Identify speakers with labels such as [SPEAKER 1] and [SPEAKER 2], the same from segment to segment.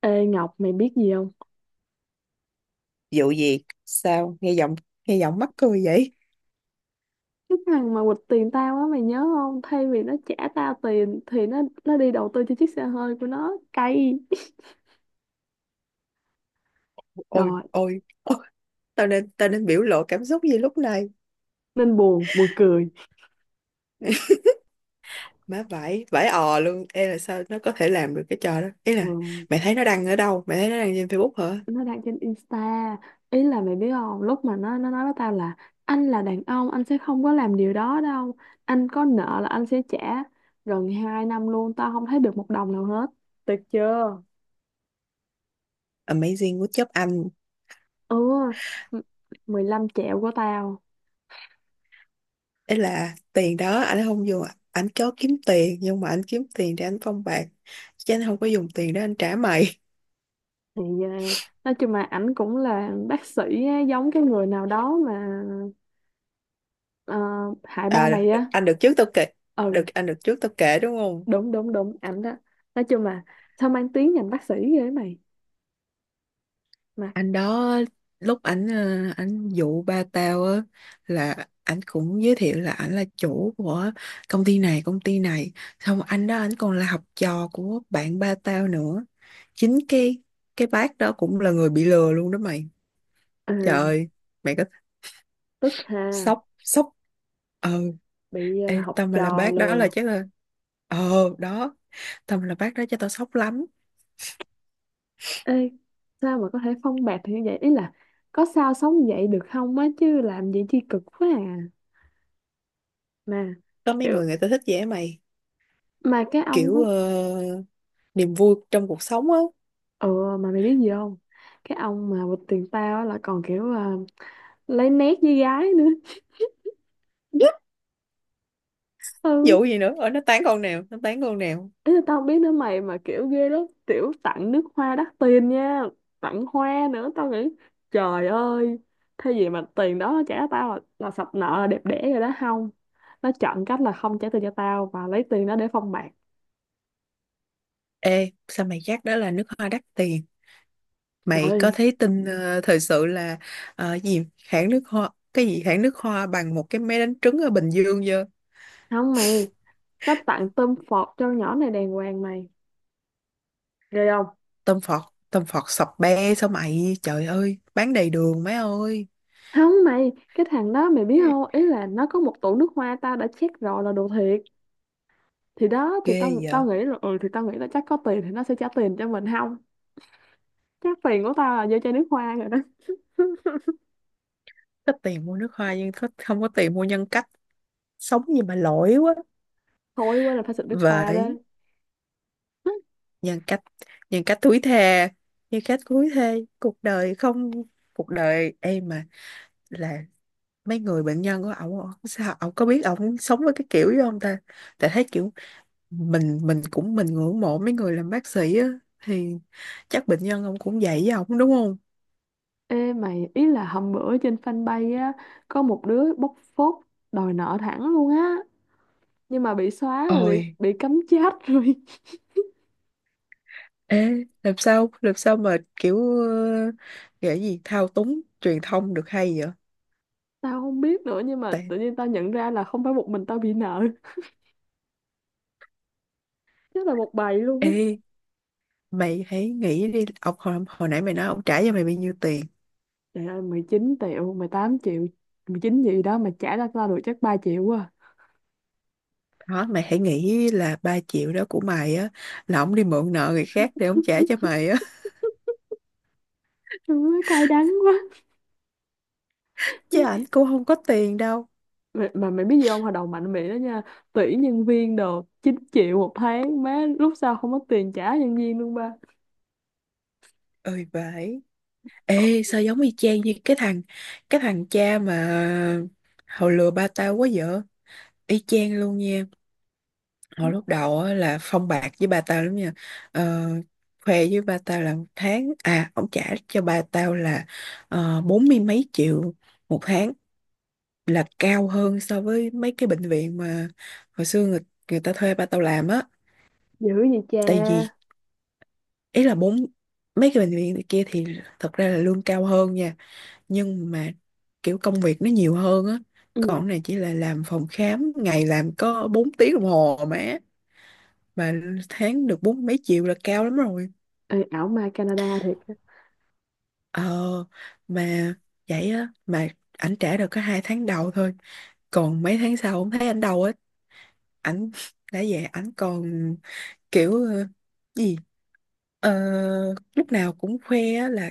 [SPEAKER 1] Ê Ngọc, mày biết gì không?
[SPEAKER 2] Vụ gì? Sao? Nghe giọng mắc cười vậy?
[SPEAKER 1] Cái thằng mà quỵt tiền tao á, mày nhớ không? Thay vì nó trả tao tiền thì nó đi đầu tư cho chiếc xe hơi của nó, cay.
[SPEAKER 2] Ôi,
[SPEAKER 1] Trời,
[SPEAKER 2] ôi, ôi, tao nên biểu lộ cảm xúc gì lúc này?
[SPEAKER 1] nên buồn, buồn cười.
[SPEAKER 2] Má vãi, vãi ò luôn. Ê, là sao nó có thể làm được cái trò đó? Ý là
[SPEAKER 1] Ừ,
[SPEAKER 2] mày thấy nó đăng ở đâu? Mày thấy nó đăng trên Facebook hả?
[SPEAKER 1] nó đăng trên Insta. Ý là mày biết không? Lúc mà nó nói với tao là anh là đàn ông, anh sẽ không có làm điều đó đâu. Anh có nợ là anh sẽ trả. Gần 2 năm luôn tao không thấy được một đồng nào hết. Tuyệt chưa?
[SPEAKER 2] Amazing của job anh.
[SPEAKER 1] Ừ, m- 15 triệu của tao.
[SPEAKER 2] Ý là tiền đó anh không dùng, anh có kiếm tiền nhưng mà anh kiếm tiền để anh phong bạc. Chứ anh không có dùng tiền để anh trả mày.
[SPEAKER 1] thì ờ, nói chung là ảnh cũng là bác sĩ á, giống cái người nào đó mà, ờ, hại ba
[SPEAKER 2] À,
[SPEAKER 1] mày á.
[SPEAKER 2] anh được trước tao kể. Được
[SPEAKER 1] Ừ,
[SPEAKER 2] anh được trước tao kể đúng không?
[SPEAKER 1] đúng đúng đúng, ảnh đó. Nói chung là sao mang tiếng ngành bác sĩ ghê ấy mày, mà
[SPEAKER 2] Anh đó, lúc ảnh ảnh dụ ba tao á, là ảnh cũng giới thiệu là ảnh là chủ của công ty này. Xong anh đó ảnh còn là học trò của bạn ba tao nữa. Chính cái bác đó cũng là người bị lừa luôn đó mày.
[SPEAKER 1] ờ,
[SPEAKER 2] Trời ơi, mày có
[SPEAKER 1] tức ha.
[SPEAKER 2] sốc sốc ờ
[SPEAKER 1] Bị,
[SPEAKER 2] ê,
[SPEAKER 1] học
[SPEAKER 2] tao mà là
[SPEAKER 1] trò
[SPEAKER 2] bác đó là
[SPEAKER 1] lừa.
[SPEAKER 2] chắc là ờ đó, tao mà là bác đó cho tao sốc lắm.
[SPEAKER 1] Ê, sao mà có thể phong bạt thì như vậy, ý là có sao sống vậy được không á, chứ làm gì chi cực quá à. Mà
[SPEAKER 2] Có mấy
[SPEAKER 1] kiểu,
[SPEAKER 2] người người ta thích vậy á mày,
[SPEAKER 1] mà cái ông.
[SPEAKER 2] kiểu niềm vui trong cuộc sống á.
[SPEAKER 1] Ừ, mà mày biết gì không? Cái ông mà bịt tiền tao á là còn kiểu à, lấy nét với gái nữa. Ừ.
[SPEAKER 2] Vụ gì nữa ở nó tán con nào, nó tán con nào?
[SPEAKER 1] Ý là tao không biết nữa mày, mà kiểu ghê lắm. Tiểu tặng nước hoa đắt tiền nha. Tặng hoa nữa, tao nghĩ trời ơi. Thế gì mà tiền đó nó trả tao là sập nợ là đẹp đẽ rồi đó không? Nó chọn cách là không trả tiền cho tao và lấy tiền đó để phong bạc.
[SPEAKER 2] Ê, sao mày chắc đó là nước hoa đắt tiền? Mày có
[SPEAKER 1] Trời.
[SPEAKER 2] thấy tin thời sự là gì hãng nước hoa, cái gì hãng nước hoa bằng một cái máy đánh trứng ở Bình Dương chưa?
[SPEAKER 1] Không mày, nó tặng tôm phọt cho nhỏ này đàng hoàng mày. Ghê không?
[SPEAKER 2] Tôm phọt, tôm phọt sập be sao mày, trời ơi, bán đầy đường mấy ơi.
[SPEAKER 1] Không mày, cái thằng đó mày biết không, ý là nó có một tủ nước hoa, tao đã check rồi là đồ thiệt. Thì đó, thì
[SPEAKER 2] Ghê
[SPEAKER 1] tao
[SPEAKER 2] vậy.
[SPEAKER 1] tao nghĩ là ừ, thì tao nghĩ là chắc có tiền thì nó sẽ trả tiền cho mình, không, chắc tiền của tao là vô chai nước hoa rồi đó.
[SPEAKER 2] Có tiền mua nước hoa nhưng không có tiền mua nhân cách. Sống gì mà lỗi quá
[SPEAKER 1] Thôi quên, là phải xịt nước hoa đó.
[SPEAKER 2] vậy. Nhân cách, thúi thề, cuộc đời không, cuộc đời em mà là mấy người bệnh nhân của ổng, ổng sao ổng có biết ổng sống với cái kiểu đó không ta. Tại thấy kiểu mình ngưỡng mộ mấy người làm bác sĩ á, thì chắc bệnh nhân ông cũng vậy với ổng đúng không.
[SPEAKER 1] Ê mày, ý là hôm bữa trên fanpage á có một đứa bóc phốt, đòi nợ thẳng luôn á, nhưng mà bị xóa rồi,
[SPEAKER 2] Ôi.
[SPEAKER 1] bị cấm chat rồi.
[SPEAKER 2] Ê, làm sao mà kiểu ờ, gọi gì thao túng truyền thông được hay vậy?
[SPEAKER 1] Tao không biết nữa, nhưng mà
[SPEAKER 2] Tại
[SPEAKER 1] tự nhiên tao nhận ra là không phải một mình tao bị nợ, chắc là một bầy luôn á.
[SPEAKER 2] ê, mày hãy nghĩ đi ông hồi nãy mày nói ông trả cho mày bao nhiêu tiền.
[SPEAKER 1] Trời ơi, 19 triệu, 18 triệu, 19 gì đó, mà trả ra tao được chắc 3 triệu à.
[SPEAKER 2] Đó, mày hãy nghĩ là 3 triệu đó của mày á, là ổng đi mượn nợ người khác để ổng trả cho mày á.
[SPEAKER 1] Trời ơi, cay đắng quá.
[SPEAKER 2] Chứ ảnh
[SPEAKER 1] Mày-
[SPEAKER 2] cũng không có tiền đâu.
[SPEAKER 1] mà mày biết gì không, hồi đầu mạnh miệng đó nha, tuyển nhân viên đồ 9 triệu một tháng, má, lúc sau không có tiền trả nhân viên luôn ba.
[SPEAKER 2] Ơi, vậy. Ê sao giống y chang như cái thằng cha mà hồi lừa ba tao quá vậy. Y chang luôn nha. Hồi lúc đầu á là phong bạc với ba tao lắm nha. ờ, Khoe với ba tao là một tháng à, ổng trả cho ba tao là bốn mươi mấy triệu một tháng, là cao hơn so với mấy cái bệnh viện mà hồi xưa người ta thuê ba tao làm á.
[SPEAKER 1] Dữ vậy cha.
[SPEAKER 2] Tại vì, ý là bốn, mấy cái bệnh viện này kia thì thật ra là lương cao hơn nha, nhưng mà kiểu công việc nó nhiều hơn á. Còn
[SPEAKER 1] Ừ.
[SPEAKER 2] cái này chỉ là làm phòng khám, ngày làm có 4 tiếng đồng hồ mà tháng được bốn mấy triệu là cao lắm rồi.
[SPEAKER 1] Ê, ảo ma Canada thiệt rồi.
[SPEAKER 2] ờ mà vậy á, mà ảnh trả được có 2 tháng đầu thôi, còn mấy tháng sau không thấy ảnh đâu á. Ảnh đã về, ảnh còn kiểu gì, Ờ, lúc nào cũng khoe á là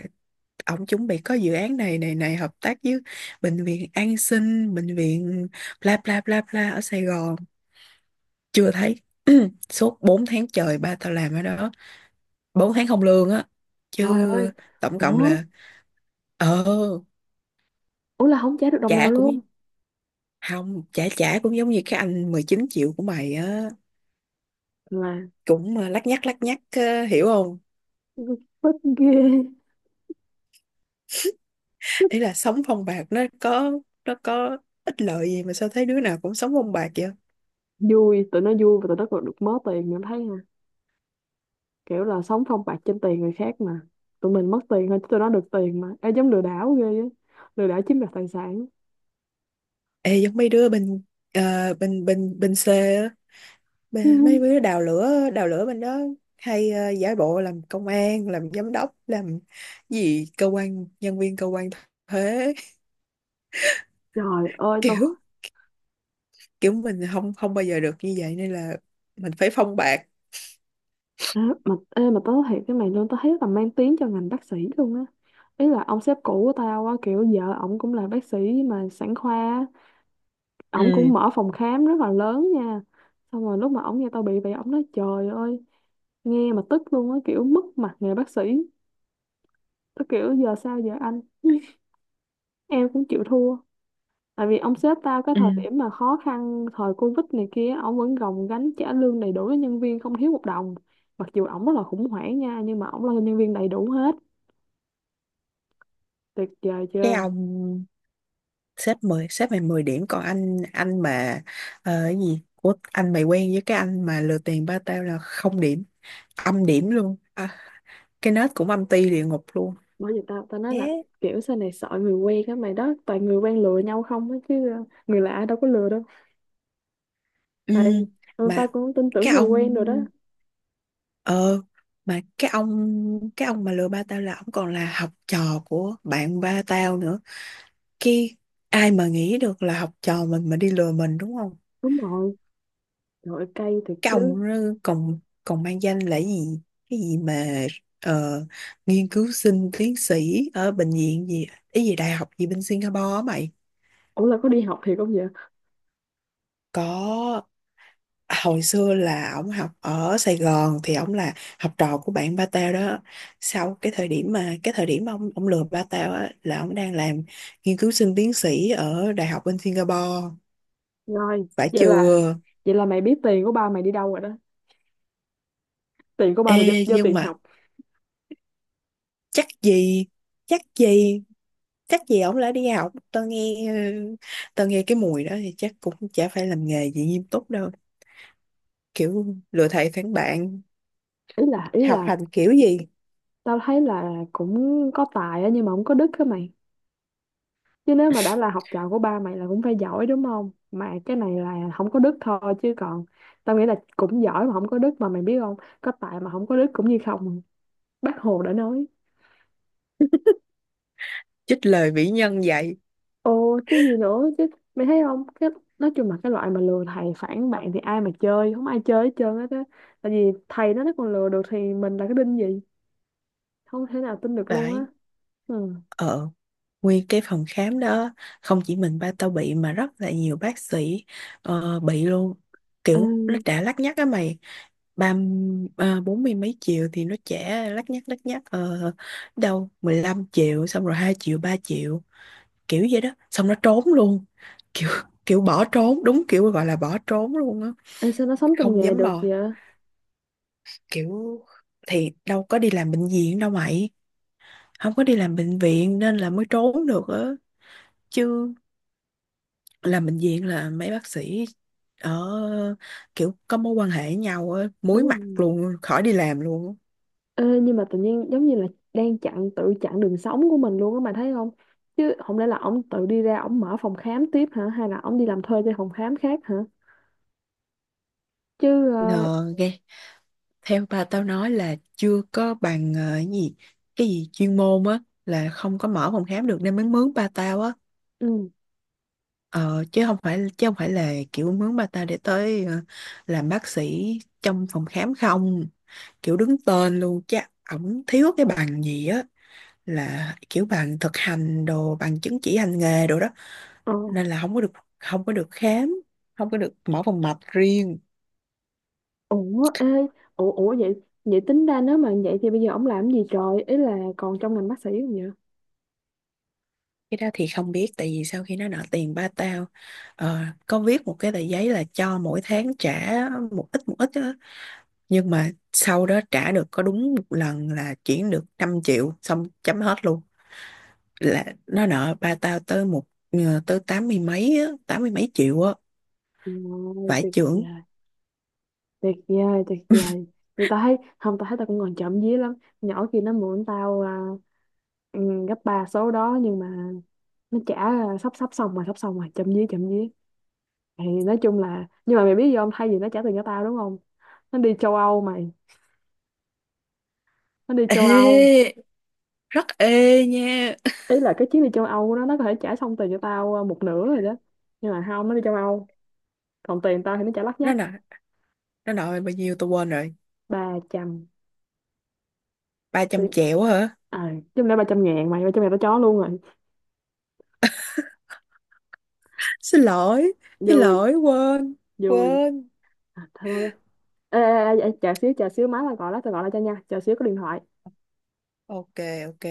[SPEAKER 2] ổng chuẩn bị có dự án này này này hợp tác với bệnh viện An Sinh, bệnh viện bla bla bla bla ở Sài Gòn. Chưa thấy. Suốt 4 tháng trời ba tao làm ở đó, 4 tháng không lương á,
[SPEAKER 1] Trời ơi.
[SPEAKER 2] chứ tổng cộng
[SPEAKER 1] Ủa,
[SPEAKER 2] là ờ
[SPEAKER 1] ủa là không trả được đồng nào
[SPEAKER 2] trả cũng
[SPEAKER 1] luôn.
[SPEAKER 2] không trả, trả cũng giống như cái anh 19 triệu của mày á,
[SPEAKER 1] Là
[SPEAKER 2] cũng lắc nhắc, lắc nhắc hiểu không.
[SPEAKER 1] tức ghê, tức.
[SPEAKER 2] Ý là sống phong bạc nó có ích lợi gì mà sao thấy đứa nào cũng sống phong bạc vậy.
[SPEAKER 1] Vui, tụi nó vui và tụi nó còn được mớ tiền nữa thấy, kiểu là sống phong bạc trên tiền người khác mà, tụi mình mất tiền thôi chứ tụi nó được tiền mà. Ê, giống lừa đảo ghê á, lừa đảo chiếm đoạt tài sản.
[SPEAKER 2] Ê giống mấy đứa bên bên C á, mấy đứa đào lửa, đào lửa bên đó, hay giả bộ làm công an, làm giám đốc, làm gì cơ quan, nhân viên cơ quan thuế.
[SPEAKER 1] Trời ơi tôi.
[SPEAKER 2] Kiểu, kiểu mình không, không bao giờ được như vậy nên là mình phải phong bạc.
[SPEAKER 1] Ê, mà tớ nói thiệt cái mày luôn, tao thấy là mang tiếng cho ngành bác sĩ luôn á. Ý là ông sếp cũ của tao á, kiểu vợ ổng cũng là bác sĩ mà sản khoa á. Ổng
[SPEAKER 2] Ừ,
[SPEAKER 1] cũng mở phòng khám rất là lớn nha. Xong rồi lúc mà ổng nghe tao bị vậy, ổng nói trời ơi, nghe mà tức luôn á, kiểu mất mặt nghề bác sĩ. Tao kiểu giờ sao giờ anh em cũng chịu thua. Tại vì ông sếp tao cái
[SPEAKER 2] ừ.
[SPEAKER 1] thời điểm mà khó khăn thời Covid này kia, ông vẫn gồng gánh trả lương đầy đủ cho nhân viên, không thiếu một đồng. Mặc dù ổng rất là khủng hoảng nha, nhưng mà ổng lo cho nhân viên đầy đủ hết. Tuyệt vời
[SPEAKER 2] Cái
[SPEAKER 1] chưa.
[SPEAKER 2] ông sếp, mười sếp mày 10 điểm, còn anh, mà cái gì của anh mày quen với cái anh mà lừa tiền ba tao là không điểm, âm điểm luôn à, cái nết cũng âm ti địa ngục luôn.
[SPEAKER 1] Bởi vì tao tao nói
[SPEAKER 2] Thế.
[SPEAKER 1] là kiểu sau này sợ người quen á mày, đó toàn người quen lừa nhau không á, chứ người lạ đâu có lừa đâu.
[SPEAKER 2] Ừ,
[SPEAKER 1] Tại ừ, tao
[SPEAKER 2] mà
[SPEAKER 1] cũng tin tưởng
[SPEAKER 2] cái
[SPEAKER 1] người
[SPEAKER 2] ông
[SPEAKER 1] quen rồi đó.
[SPEAKER 2] ờ mà cái ông mà lừa ba tao là ông còn là học trò của bạn ba tao nữa kia. Ai mà nghĩ được là học trò mình mà đi lừa mình đúng không.
[SPEAKER 1] Đúng rồi. Trời ơi, cay thiệt
[SPEAKER 2] Cái
[SPEAKER 1] chứ.
[SPEAKER 2] ông đó còn, mang danh là gì, cái gì mà ờ, nghiên cứu sinh tiến sĩ ở bệnh viện gì, cái gì đại học gì bên Singapore á mày.
[SPEAKER 1] Ủa là có đi học thiệt không vậy.
[SPEAKER 2] Có, hồi xưa là ổng học ở Sài Gòn thì ổng là học trò của bạn ba tao đó. Sau cái thời điểm mà, cái thời điểm mà ông lừa ba tao á là ổng đang làm nghiên cứu sinh tiến sĩ ở đại học bên Singapore.
[SPEAKER 1] Rồi
[SPEAKER 2] Phải
[SPEAKER 1] vậy là,
[SPEAKER 2] chưa.
[SPEAKER 1] vậy là mày biết tiền của ba mày đi đâu rồi đó, tiền của ba mày do,
[SPEAKER 2] Ê
[SPEAKER 1] do
[SPEAKER 2] nhưng
[SPEAKER 1] tiền
[SPEAKER 2] mà,
[SPEAKER 1] học.
[SPEAKER 2] chắc gì, chắc gì, chắc gì ổng đã đi học. Tao nghe tao nghe cái mùi đó thì chắc cũng chả phải làm nghề gì nghiêm túc đâu, kiểu lừa thầy phản bạn,
[SPEAKER 1] Ý là, ý
[SPEAKER 2] học
[SPEAKER 1] là
[SPEAKER 2] hành kiểu gì.
[SPEAKER 1] tao thấy là cũng có tài á, nhưng mà không có đức á mày. Chứ nếu mà đã là học trò của ba mày là cũng phải giỏi đúng không? Mà cái này là không có đức thôi, chứ còn tao nghĩ là cũng giỏi, mà không có đức mà mày biết không? Có tài mà không có đức cũng như không. Bác Hồ đã nói.
[SPEAKER 2] Trích lời vĩ nhân vậy.
[SPEAKER 1] Ồ, cái gì nữa chứ, mày thấy không? Cái, nói chung là cái loại mà lừa thầy phản bạn thì ai mà chơi, không ai chơi hết trơn hết á. Tại vì thầy nó còn lừa được thì mình là cái đinh gì? Không thể nào tin được luôn
[SPEAKER 2] Phải.
[SPEAKER 1] á. Ừ.
[SPEAKER 2] ờ Nguyên cái phòng khám đó không chỉ mình ba tao bị, mà rất là nhiều bác sĩ bị luôn.
[SPEAKER 1] Ê,
[SPEAKER 2] Kiểu nó đã lắt nhắt á mày. ba bốn mươi mấy triệu thì nó trả lắt nhắt, lắt nhắt đâu 15 triệu, xong rồi 2 triệu, 3 triệu, kiểu vậy đó, xong nó trốn luôn. Kiểu, kiểu bỏ trốn, đúng kiểu gọi là bỏ trốn luôn á.
[SPEAKER 1] sao nó sống trong
[SPEAKER 2] Không
[SPEAKER 1] nghề
[SPEAKER 2] dám
[SPEAKER 1] được
[SPEAKER 2] mò.
[SPEAKER 1] vậy?
[SPEAKER 2] Kiểu thì đâu có đi làm bệnh viện đâu mày, không có đi làm bệnh viện nên là mới trốn được á. Chứ làm bệnh viện là mấy bác sĩ ở kiểu có mối quan hệ với nhau á, muối
[SPEAKER 1] Đúng
[SPEAKER 2] mặt
[SPEAKER 1] rồi.
[SPEAKER 2] luôn khỏi đi làm luôn á.
[SPEAKER 1] Ê, nhưng mà tự nhiên giống như là đang chặn, tự chặn đường sống của mình luôn á mà thấy không, chứ không lẽ là ổng tự đi ra ổng mở phòng khám tiếp hả, hay là ổng đi làm thuê cho phòng khám khác hả, chứ
[SPEAKER 2] Ờ, ghê. Theo ba tao nói là chưa có bằng cái gì, cái gì chuyên môn á, là không có mở phòng khám được nên mới mướn ba tao á.
[SPEAKER 1] ừ.
[SPEAKER 2] Ờ, chứ không phải là kiểu mướn bà ta để tới làm bác sĩ trong phòng khám không, kiểu đứng tên luôn. Chắc ổng thiếu cái bằng gì á, là kiểu bằng thực hành đồ, bằng chứng chỉ hành nghề đồ đó,
[SPEAKER 1] Ờ.
[SPEAKER 2] nên là không có được, không có được khám, không có được mở phòng mạch riêng.
[SPEAKER 1] Ủa ê, ủa ủa vậy, vậy tính ra nếu mà vậy thì bây giờ ổng làm cái gì trời, ý là còn trong ngành bác sĩ không vậy.
[SPEAKER 2] Cái đó thì không biết, tại vì sau khi nó nợ tiền ba tao ờ, có viết một cái tờ giấy là cho mỗi tháng trả một ít, một ít, nhưng mà sau đó trả được có đúng một lần là chuyển được 5 triệu, xong chấm hết luôn. Là nó nợ ba tao tới tới tám mươi mấy á, tám mươi mấy triệu á.
[SPEAKER 1] Ờ,
[SPEAKER 2] Vải
[SPEAKER 1] tuyệt
[SPEAKER 2] trưởng.
[SPEAKER 1] vời, tuyệt vời tuyệt vời. Vậy tao thấy không, tao thấy tao cũng còn chậm vía lắm. Nhỏ kia nó mượn tao à, ừ, gấp ba số đó, nhưng mà nó trả là sắp sắp xong rồi, sắp xong rồi, chậm dí chậm dí. Thì nói chung là, nhưng mà mày biết gì không, thay vì nó trả tiền cho tao đúng không, nó đi châu Âu mày, nó đi châu Âu.
[SPEAKER 2] Ê rất, ê nha.
[SPEAKER 1] Ý là cái chuyến đi châu Âu của nó có thể trả xong tiền cho tao một nửa rồi đó, nhưng mà không, nó đi châu Âu, còn tiền tao thì nó trả lắt
[SPEAKER 2] nó
[SPEAKER 1] nhắt.
[SPEAKER 2] nợ nó nợ bao nhiêu tôi quên rồi.
[SPEAKER 1] Ba trăm.
[SPEAKER 2] ba trăm
[SPEAKER 1] Tiền,
[SPEAKER 2] triệu hả?
[SPEAKER 1] à, chung là ba trăm ngàn mày, ba trăm ngàn tao chó luôn rồi.
[SPEAKER 2] Xin lỗi,
[SPEAKER 1] Vui.
[SPEAKER 2] quên,
[SPEAKER 1] Vui.
[SPEAKER 2] quên
[SPEAKER 1] À, thôi thôi, ê, ê, ê, ê, chờ xíu, chờ xíu, má tao gọi đó, tao gọi lại cho nha, chờ xíu, có điện thoại.
[SPEAKER 2] ok, OK.